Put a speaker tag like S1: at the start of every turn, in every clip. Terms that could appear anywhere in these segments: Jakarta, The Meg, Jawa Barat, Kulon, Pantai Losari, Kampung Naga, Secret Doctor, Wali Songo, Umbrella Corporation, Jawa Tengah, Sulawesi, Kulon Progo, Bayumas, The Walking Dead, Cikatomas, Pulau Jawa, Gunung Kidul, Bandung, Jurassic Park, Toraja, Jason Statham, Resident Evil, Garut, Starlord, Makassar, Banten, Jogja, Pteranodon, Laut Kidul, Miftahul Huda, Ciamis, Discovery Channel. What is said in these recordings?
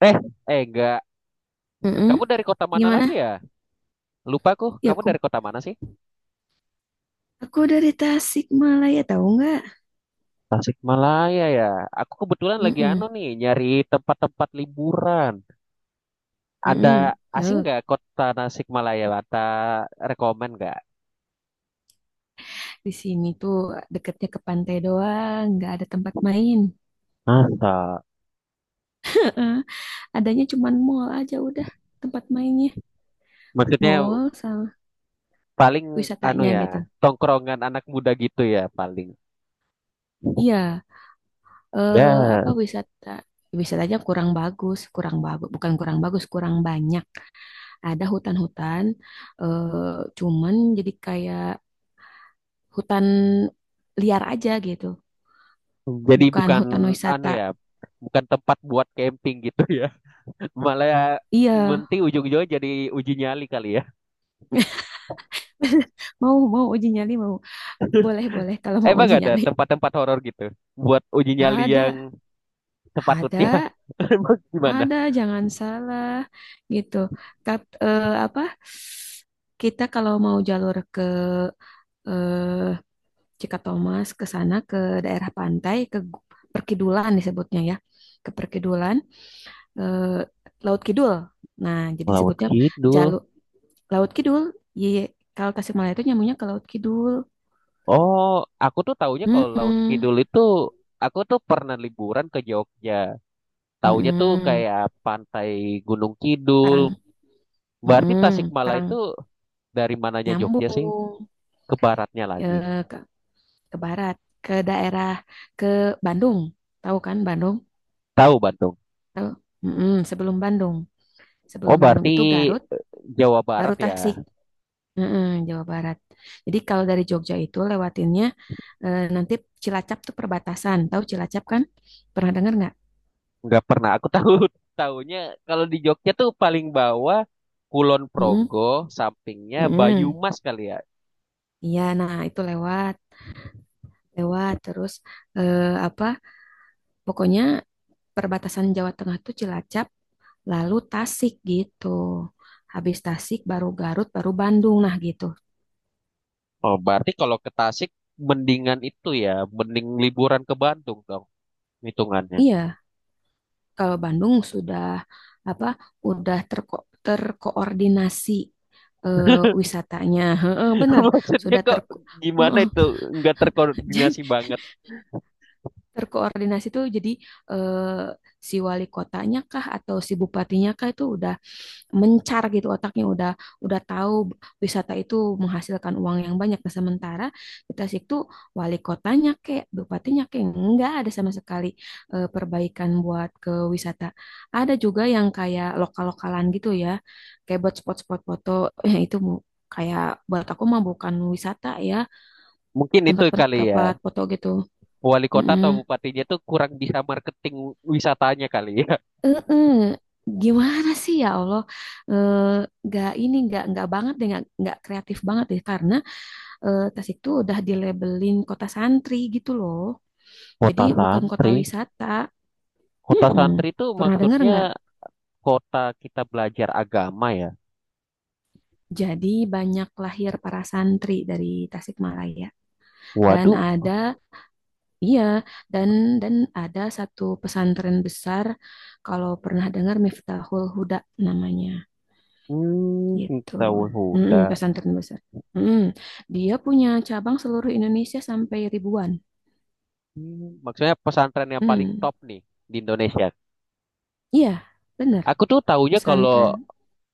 S1: Eh, eh, enggak. Kamu
S2: Mm-mm.
S1: dari kota mana lagi
S2: Gimana?
S1: ya? Lupa aku,
S2: Ya
S1: kamu dari
S2: aku
S1: kota mana sih?
S2: aku dari Tasikmalaya tahu nggak?
S1: Tasikmalaya ya. Aku kebetulan lagi
S2: Mm-mm.
S1: anu nih, nyari tempat-tempat liburan. Ada
S2: Mm-mm.
S1: asing
S2: Yo,
S1: nggak kota Tasikmalaya? Ada rekomen nggak?
S2: di sini tuh deketnya ke pantai doang, nggak ada tempat main.
S1: Masa?
S2: Heeh, adanya cuman mall aja udah tempat mainnya.
S1: Maksudnya
S2: Mall sama
S1: paling anu
S2: wisatanya
S1: ya,
S2: gitu.
S1: tongkrongan anak muda gitu ya paling.
S2: Iya, eh apa
S1: Ya,
S2: wisata wisatanya kurang bagus, bukan kurang bagus, kurang banyak. Ada hutan-hutan, eh cuman jadi kayak hutan liar aja gitu.
S1: jadi
S2: Bukan
S1: bukan
S2: hutan
S1: anu
S2: wisata.
S1: ya, bukan tempat buat camping gitu ya. Malah
S2: Iya,
S1: nanti ujung-ujungnya jadi uji nyali kali ya.
S2: mau mau uji nyali mau. Boleh boleh kalau mau
S1: Emang
S2: uji
S1: gak ada
S2: nyali.
S1: tempat-tempat horor gitu buat uji nyali yang
S2: Ada,
S1: sepatutnya?
S2: ada,
S1: Emang gimana?
S2: ada. Jangan salah gitu. Apa? Kita kalau mau jalur ke eh, Cikatomas ke sana ke daerah pantai ke Perkidulan disebutnya ya. Ke Perkidulan, eh, Laut Kidul. Nah, jadi
S1: Laut
S2: disebutnya
S1: Kidul.
S2: jalur Laut Kidul. Iya, kalau Tasikmalaya itu nyambungnya ke Laut Kidul.
S1: Oh, aku tuh taunya kalau Laut
S2: Mm-mm,
S1: Kidul itu aku tuh pernah liburan ke Jogja. Taunya tuh
S2: mm-mm.
S1: kayak pantai Gunung Kidul.
S2: Parang,
S1: Berarti
S2: mm-mm,
S1: Tasikmalaya
S2: Parang
S1: itu dari mananya Jogja sih?
S2: nyambung
S1: Ke baratnya lagi.
S2: eh, ke, ke barat, ke daerah, ke Bandung. Tahu kan Bandung?
S1: Tahu Bantung.
S2: Tahu? Mm-mm.
S1: Oh,
S2: Sebelum Bandung
S1: berarti
S2: itu Garut,
S1: Jawa
S2: baru
S1: Barat ya.
S2: Tasik. Mm-mm, Jawa Barat. Jadi kalau dari Jogja itu lewatinnya nanti Cilacap tuh perbatasan. Tahu Cilacap kan? Pernah dengar nggak?
S1: Nggak pernah aku tahu, tahunya kalau di Jogja tuh paling bawah Kulon
S2: Mm-mm,
S1: Progo sampingnya
S2: mm-mm.
S1: Bayumas kali ya.
S2: Iya, nah itu lewat, lewat terus. Apa? Pokoknya perbatasan Jawa Tengah tuh Cilacap, lalu Tasik gitu. Habis Tasik baru Garut, baru Bandung, nah gitu.
S1: Oh, berarti kalau ke Tasik mendingan itu ya, mending liburan ke Bandung dong hitungannya.
S2: Iya, kalau Bandung sudah apa? Udah terko terkoordinasi, eh, wisatanya. Heeh, benar,
S1: Maksudnya
S2: sudah ter.
S1: kok gimana
S2: Heeh,
S1: itu, nggak
S2: jadi
S1: terkoordinasi banget.
S2: terkoordinasi tuh jadi, eh, si wali kotanya kah atau si bupatinya kah itu udah mencar gitu otaknya, udah tahu wisata itu menghasilkan uang yang banyak. Nah, sementara di Tasik tuh wali kotanya kayak bupatinya kayak nggak ada sama sekali perbaikan buat ke wisata. Ada juga yang kayak lokal-lokalan gitu ya, kayak buat spot-spot foto, eh, itu bu- kayak buat aku mah bukan wisata ya,
S1: Mungkin itu kali ya,
S2: tempat-tempat foto gitu.
S1: wali kota atau
S2: Mm-mm.
S1: bupatinya tuh kurang bisa marketing wisatanya kali ya.
S2: eh Gimana sih ya Allah, Eh, nggak ini nggak banget deh, nggak kreatif banget deh karena, Tas itu udah dilabelin kota santri gitu loh. Jadi
S1: Kota
S2: bukan kota
S1: santri,
S2: wisata.
S1: kota
S2: Mm-mm.
S1: santri itu
S2: Pernah dengar
S1: maksudnya
S2: nggak?
S1: kota kita belajar agama ya.
S2: Jadi banyak lahir para santri dari Tasikmalaya. Dan
S1: Waduh.
S2: ada, iya, dan dan ada satu pesantren besar, kalau pernah dengar Miftahul Huda namanya
S1: Hmm,
S2: gitu.
S1: tahun
S2: Mm-mm,
S1: Huda.
S2: pesantren besar. Mm-mm. Dia punya cabang seluruh Indonesia sampai ribuan.
S1: Hmm, maksudnya pesantren yang paling
S2: Mm.
S1: top nih di Indonesia.
S2: Iya, benar.
S1: Aku tuh taunya kalau
S2: Pesantren.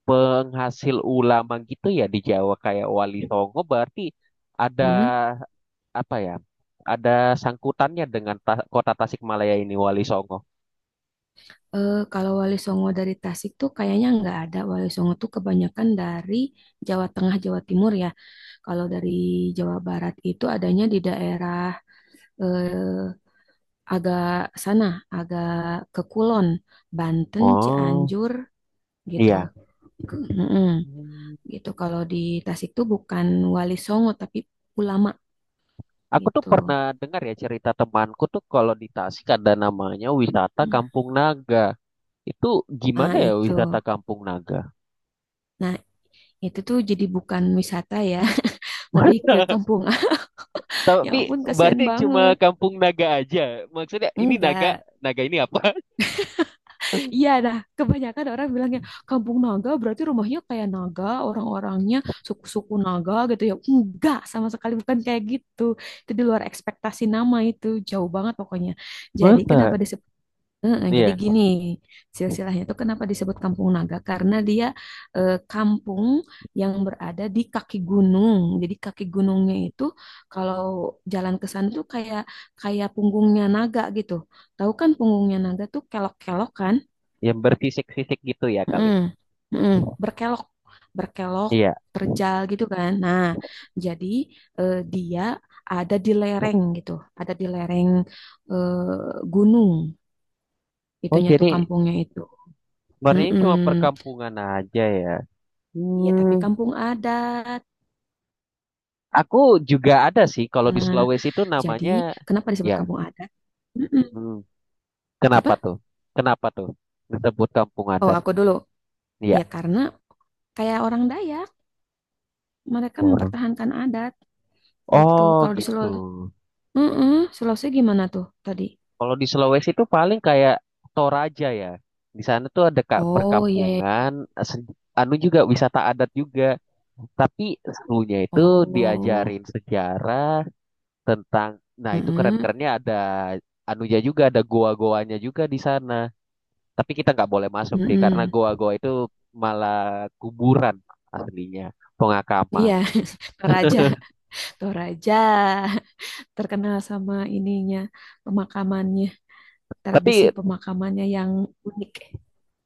S1: penghasil ulama gitu ya di Jawa kayak Wali Songo berarti ada,
S2: Mm.
S1: apa ya? Ada sangkutannya dengan ta- kota Tasikmalaya ini Wali Songo.
S2: Eh, kalau Wali Songo dari Tasik tuh kayaknya nggak ada. Wali Songo tuh kebanyakan dari Jawa Tengah, Jawa Timur ya. Kalau dari Jawa Barat itu adanya di daerah, eh, agak sana, agak ke Kulon, Banten,
S1: Oh,
S2: Cianjur gitu.
S1: iya.
S2: Ke- Mm-mm.
S1: Hmm.
S2: Gitu. Kalau di Tasik tuh bukan Wali Songo tapi ulama
S1: Aku tuh
S2: gitu.
S1: pernah dengar ya cerita temanku tuh kalau di Tasik ada namanya wisata Kampung Naga. Itu gimana
S2: Ah
S1: ya
S2: itu.
S1: wisata Kampung Naga?
S2: Nah, itu tuh jadi bukan wisata ya, lebih ke kampung. Ya
S1: Tapi
S2: ampun, kasihan
S1: berarti cuma
S2: banget.
S1: kampung naga aja. Maksudnya ini naga,
S2: Enggak.
S1: naga ini apa?
S2: Iya, nah kebanyakan orang bilangnya kampung naga berarti rumahnya kayak naga, orang-orangnya suku-suku naga gitu ya. Enggak, sama sekali bukan kayak gitu. Itu di luar ekspektasi nama itu, jauh banget pokoknya. Jadi
S1: Masa?
S2: kenapa disebut. Heeh, jadi
S1: Iya,
S2: gini, silsilahnya itu kenapa disebut Kampung Naga? Karena dia, kampung yang berada di kaki gunung. Jadi kaki gunungnya itu kalau jalan ke sana tuh kayak, kayak punggungnya naga gitu. Tahu kan punggungnya naga tuh kelok-kelok kan?
S1: yang berfisik-fisik gitu ya
S2: Mm,
S1: kali.
S2: mm, berkelok, berkelok,
S1: Iya.
S2: terjal gitu kan. Nah, jadi dia ada di lereng gitu, ada di lereng, gunung.
S1: Oh,
S2: Itunya tuh
S1: jadi
S2: kampungnya itu.
S1: sebenarnya
S2: Mm-mm.
S1: cuma perkampungan aja ya.
S2: Iya, tapi
S1: Hmm,
S2: kampung adat.
S1: aku juga ada sih kalau di Sulawesi itu
S2: Jadi,
S1: namanya
S2: kenapa disebut
S1: ya.
S2: kampung adat? Mm-mm.
S1: Hmm, kenapa
S2: Apa?
S1: tuh? Kenapa tuh disebut kampung
S2: Oh,
S1: adat?
S2: aku dulu.
S1: Iya.
S2: Ya, karena kayak orang Dayak, mereka
S1: Orang.
S2: mempertahankan adat gitu.
S1: Oh,
S2: Kalau di
S1: gitu.
S2: Sulawesi, mm, Sulawesi gimana tuh tadi?
S1: Kalau di Sulawesi itu paling kayak Toraja ya. Di sana tuh ada kak
S2: Oh, iya, iya.
S1: perkampungan, se- anu juga wisata adat juga. Tapi serunya itu
S2: Oh,
S1: diajarin sejarah tentang, nah itu
S2: mm-mm.
S1: keren-kerennya ada anunya juga, ada goa-goanya juga di sana. Tapi kita nggak boleh masuk sih, karena
S2: Mm-mm.
S1: goa-goa itu malah kuburan aslinya,
S2: Iya,
S1: pengakaman.
S2: Toraja, Toraja terkenal sama ininya, pemakamannya, tradisi
S1: Tapi
S2: pemakamannya yang unik.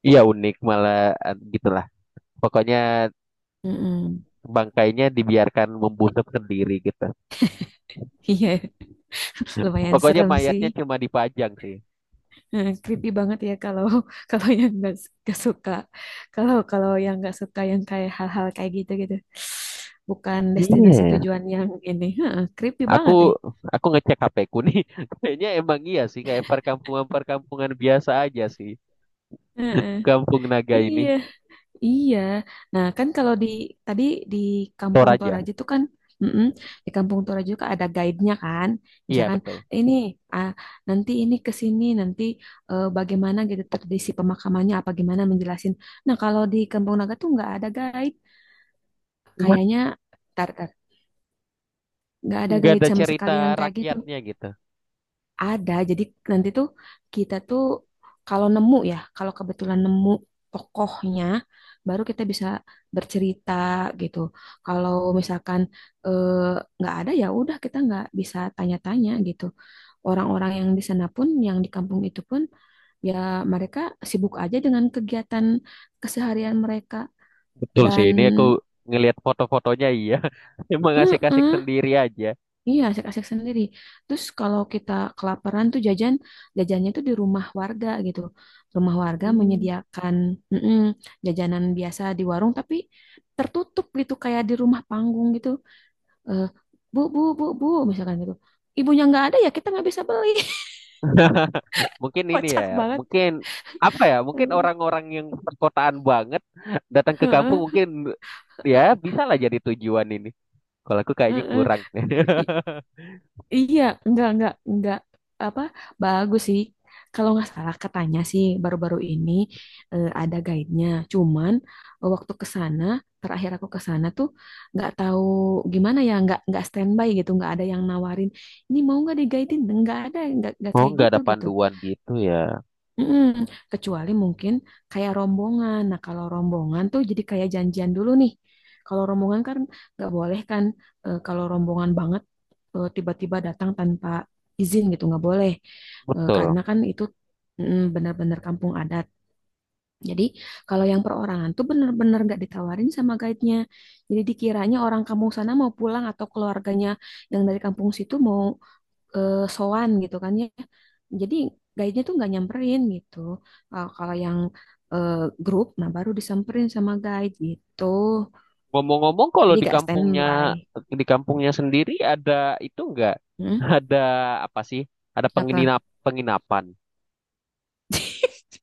S1: ya unik malah gitulah. Pokoknya
S2: Mm-mm.
S1: bangkainya dibiarkan membusuk sendiri gitu.
S2: Iya, lumayan
S1: Pokoknya
S2: serem
S1: mayatnya
S2: sih.
S1: cuma dipajang sih.
S2: Eh, creepy banget ya kalau kalau yang nggak s- nggak suka, kalau kalau yang nggak suka yang kayak hal-hal kayak gitu gitu bukan destinasi
S1: Iya.
S2: tujuan yang ini. Heeh, creepy
S1: Aku
S2: banget ya.
S1: aku ngecek HP ku nih. Kayaknya emang iya sih kayak perkampungan-perkampungan biasa aja sih.
S2: Heeh.
S1: Kampung Naga
S2: Iya,
S1: ini.
S2: iya, nah kan kalau di tadi di Kampung
S1: Toraja.
S2: Toraja itu kan, mm-mm, di Kampung Toraja juga ada guide-nya kan,
S1: Iya
S2: misalkan
S1: betul.
S2: ini, ah, nanti ini ke sini nanti, bagaimana gitu tradisi pemakamannya apa gimana menjelasin, nah kalau di Kampung Naga tuh nggak ada guide.
S1: What?
S2: Kayaknya tar tar nggak ada
S1: Nggak
S2: guide
S1: ada
S2: sama
S1: cerita
S2: sekali yang kayak gitu.
S1: rakyatnya gitu.
S2: Ada. Jadi nanti tuh kita tuh kalau nemu ya, kalau kebetulan nemu tokohnya, baru kita bisa bercerita gitu. Kalau misalkan, eh, nggak ada ya udah kita nggak bisa tanya-tanya gitu. Orang-orang yang di sana pun, yang di kampung itu pun, ya mereka sibuk aja dengan kegiatan keseharian mereka
S1: Betul sih
S2: dan.
S1: ini aku ngelihat foto-fotonya iya. Emang asik-asik
S2: Mm-mm.
S1: sendiri aja.
S2: Iya, asik-asik sendiri. Terus kalau kita kelaparan tuh jajan, jajannya tuh di rumah warga gitu. Rumah warga menyediakan, mm-mm, jajanan biasa di warung, tapi tertutup gitu kayak di rumah panggung gitu. Eh, bu, bu, bu, bu, misalkan gitu. Ibunya nggak ada ya kita nggak bisa beli.
S1: Mungkin ini ya,
S2: Kocak banget.
S1: mungkin apa ya? Mungkin orang-orang yang perkotaan banget datang ke kampung
S2: Heeh,
S1: mungkin ya bisa lah jadi tujuan ini. Kalau aku kayaknya
S2: heeh.
S1: kurang.
S2: Iya, enggak, apa, bagus sih. Kalau nggak salah katanya sih baru-baru ini ada guide-nya. Cuman, waktu ke sana, terakhir aku ke sana tuh nggak tahu gimana ya, nggak standby gitu, nggak ada yang nawarin. Ini mau nggak diguidein? Nggak ada, nggak
S1: Oh,
S2: kayak
S1: nggak
S2: gitu
S1: ada
S2: gitu.
S1: panduan gitu ya.
S2: Mm-mm. Kecuali mungkin kayak rombongan. Nah kalau rombongan tuh jadi kayak janjian dulu nih. Kalau rombongan kan nggak boleh kan. Eh, kalau rombongan banget, tiba-tiba datang tanpa izin gitu nggak boleh. Eh,
S1: Betul.
S2: karena kan itu mm, benar-benar kampung adat. Jadi kalau yang perorangan tuh benar-benar nggak ditawarin sama guide-nya. Jadi dikiranya orang kampung sana mau pulang atau keluarganya yang dari kampung situ mau, sowan gitu kan ya. Jadi guide-nya tuh nggak nyamperin gitu. Kalau kalau yang, eh, grup, nah baru disamperin sama guide gitu.
S1: Ngomong-ngomong, kalau
S2: Jadi
S1: di
S2: gak
S1: kampungnya,
S2: standby.
S1: di kampungnya sendiri ada itu nggak?
S2: Hmm?
S1: Ada apa sih? Ada
S2: Apa?
S1: penginap penginapan.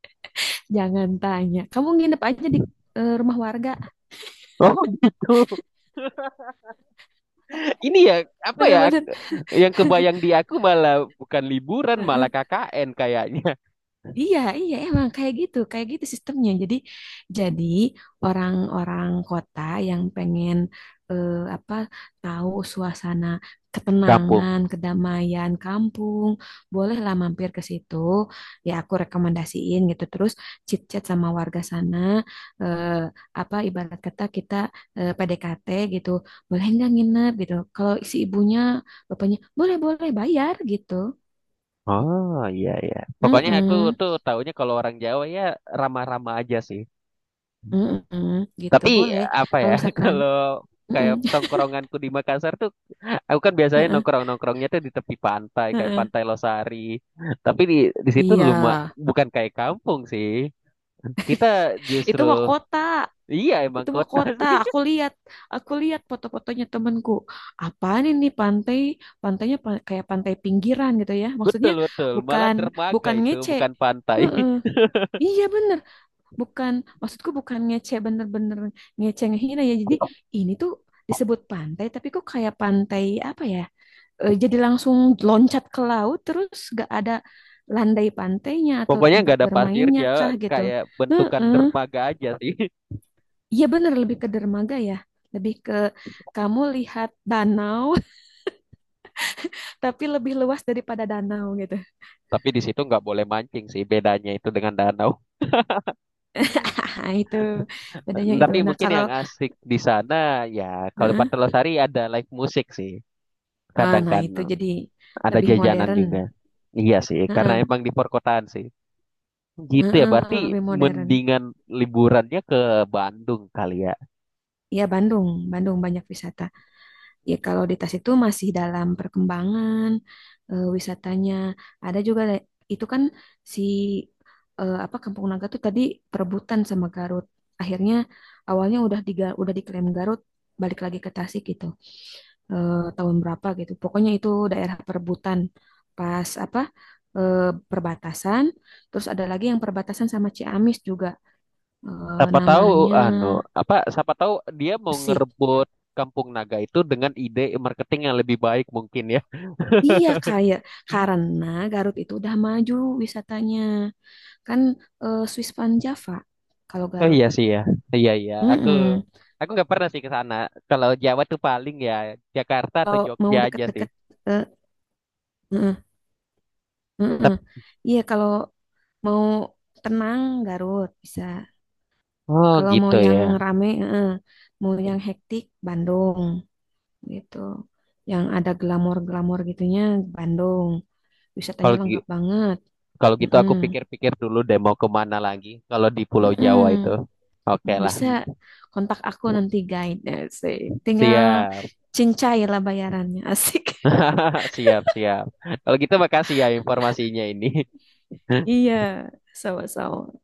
S2: Jangan tanya. Kamu nginep aja di, rumah warga.
S1: Oh gitu. Ini ya apa ya?
S2: Bener-bener.
S1: Yang kebayang di aku malah bukan liburan, malah KKN kayaknya.
S2: Iya, iya, emang kayak gitu sistemnya. Jadi orang-orang kota yang pengen, apa, tahu suasana
S1: Kampung.
S2: ketenangan,
S1: Hmm.
S2: kedamaian kampung, bolehlah mampir ke situ. Ya, aku rekomendasiin gitu. Terus chit-chat sama warga sana, eh, apa ibarat kata kita PDKT gitu, boleh nggak nginep gitu. Kalau si ibunya, bapaknya, boleh, boleh, bayar gitu.
S1: Oh iya iya. Pokoknya aku
S2: Mm-mm.
S1: tuh taunya kalau orang Jawa ya ramah-ramah aja sih.
S2: Mm-mm, gitu
S1: Tapi
S2: boleh.
S1: apa
S2: Kalau
S1: ya,
S2: misalkan,
S1: kalau
S2: mm-mm,
S1: kayak tongkronganku di Makassar tuh aku kan biasanya nongkrong-nongkrongnya tuh di tepi pantai kayak
S2: heeh.
S1: Pantai Losari. Tapi di situ
S2: Iya,
S1: lumah bukan kayak kampung sih. Kita
S2: itu mah
S1: justru
S2: kota,
S1: iya emang
S2: itu mah
S1: kota
S2: kota.
S1: sih.
S2: Aku lihat foto-fotonya temenku. Apaan ini pantai? Pantainya pa- kayak pantai pinggiran gitu ya. Maksudnya
S1: Betul betul. Malah
S2: bukan,
S1: dermaga
S2: bukan
S1: itu
S2: ngece.
S1: bukan pantai.
S2: Heeh. Iya bener, bukan, maksudku bukan ngece, bener-bener ngece ngehina ya. Jadi ini tuh disebut pantai, tapi kok kayak pantai apa ya? Jadi langsung loncat ke laut terus gak ada landai pantainya atau
S1: Pokoknya
S2: tempat
S1: nggak ada pasir
S2: bermainnya
S1: ya,
S2: kah gitu.
S1: kayak bentukan
S2: Heeh.
S1: dermaga aja sih.
S2: Iya bener lebih ke dermaga ya. Lebih ke kamu lihat danau tapi lebih luas daripada danau gitu.
S1: Tapi di situ nggak boleh mancing sih, bedanya itu dengan danau.
S2: Itu bedanya itu.
S1: Tapi
S2: Nah,
S1: mungkin
S2: kalau
S1: yang asik di sana ya kalau
S2: heeh.
S1: Pantai Losari ada live musik sih.
S2: Ah,
S1: Kadang
S2: nah
S1: kan
S2: itu jadi
S1: ada
S2: lebih
S1: jajanan
S2: modern.
S1: juga. Iya sih, karena
S2: Heeh.
S1: emang di perkotaan sih. Gitu ya,
S2: Heeh,
S1: berarti
S2: lebih modern.
S1: mendingan liburannya ke Bandung kali ya.
S2: Iya Bandung, Bandung banyak wisata. Ya, kalau di Tas itu masih dalam perkembangan, wisatanya. Ada juga le- itu kan si apa Kampung Naga tuh tadi perebutan sama Garut. Akhirnya awalnya udah diga, udah diklaim Garut, balik lagi ke Tasik gitu. Eh, tahun berapa gitu. Pokoknya itu daerah perebutan pas apa, eh, perbatasan. Terus ada lagi yang perbatasan sama Ciamis juga. Eh,
S1: Siapa tahu
S2: namanya
S1: anu apa, siapa tahu dia mau
S2: Besik.
S1: ngerebut Kampung Naga itu dengan ide marketing yang lebih baik mungkin ya.
S2: Iya kayak karena Garut itu udah maju wisatanya kan, Swiss Van Java kalau
S1: Oh
S2: Garut.
S1: iya sih ya, iya iya. Aku
S2: Mm-mm.
S1: aku nggak pernah sih ke sana. Kalau Jawa tuh paling ya Jakarta atau
S2: Kalau mau
S1: Jogja aja sih.
S2: deket-deket, eh, mm-mm, mm-mm.
S1: Tep-
S2: Iya kalau mau tenang Garut bisa.
S1: oh
S2: Kalau mau
S1: gitu
S2: yang
S1: ya.
S2: rame, eh, mau yang hektik Bandung gitu. Yang ada glamor-glamor gitunya Bandung. Wisatanya
S1: Kalau gi-
S2: lengkap banget.
S1: Kalau gitu
S2: Mm-mm,
S1: aku pikir-pikir dulu deh mau kemana lagi. Kalau di Pulau
S2: mm-mm.
S1: Jawa itu, oke
S2: Hmm.
S1: lah.
S2: Bisa kontak aku nanti guide, tinggal
S1: Siap,
S2: cincai lah bayarannya. Asik.
S1: siap, siap. Kalau gitu makasih ya informasinya ini.
S2: Iya, sama-sama.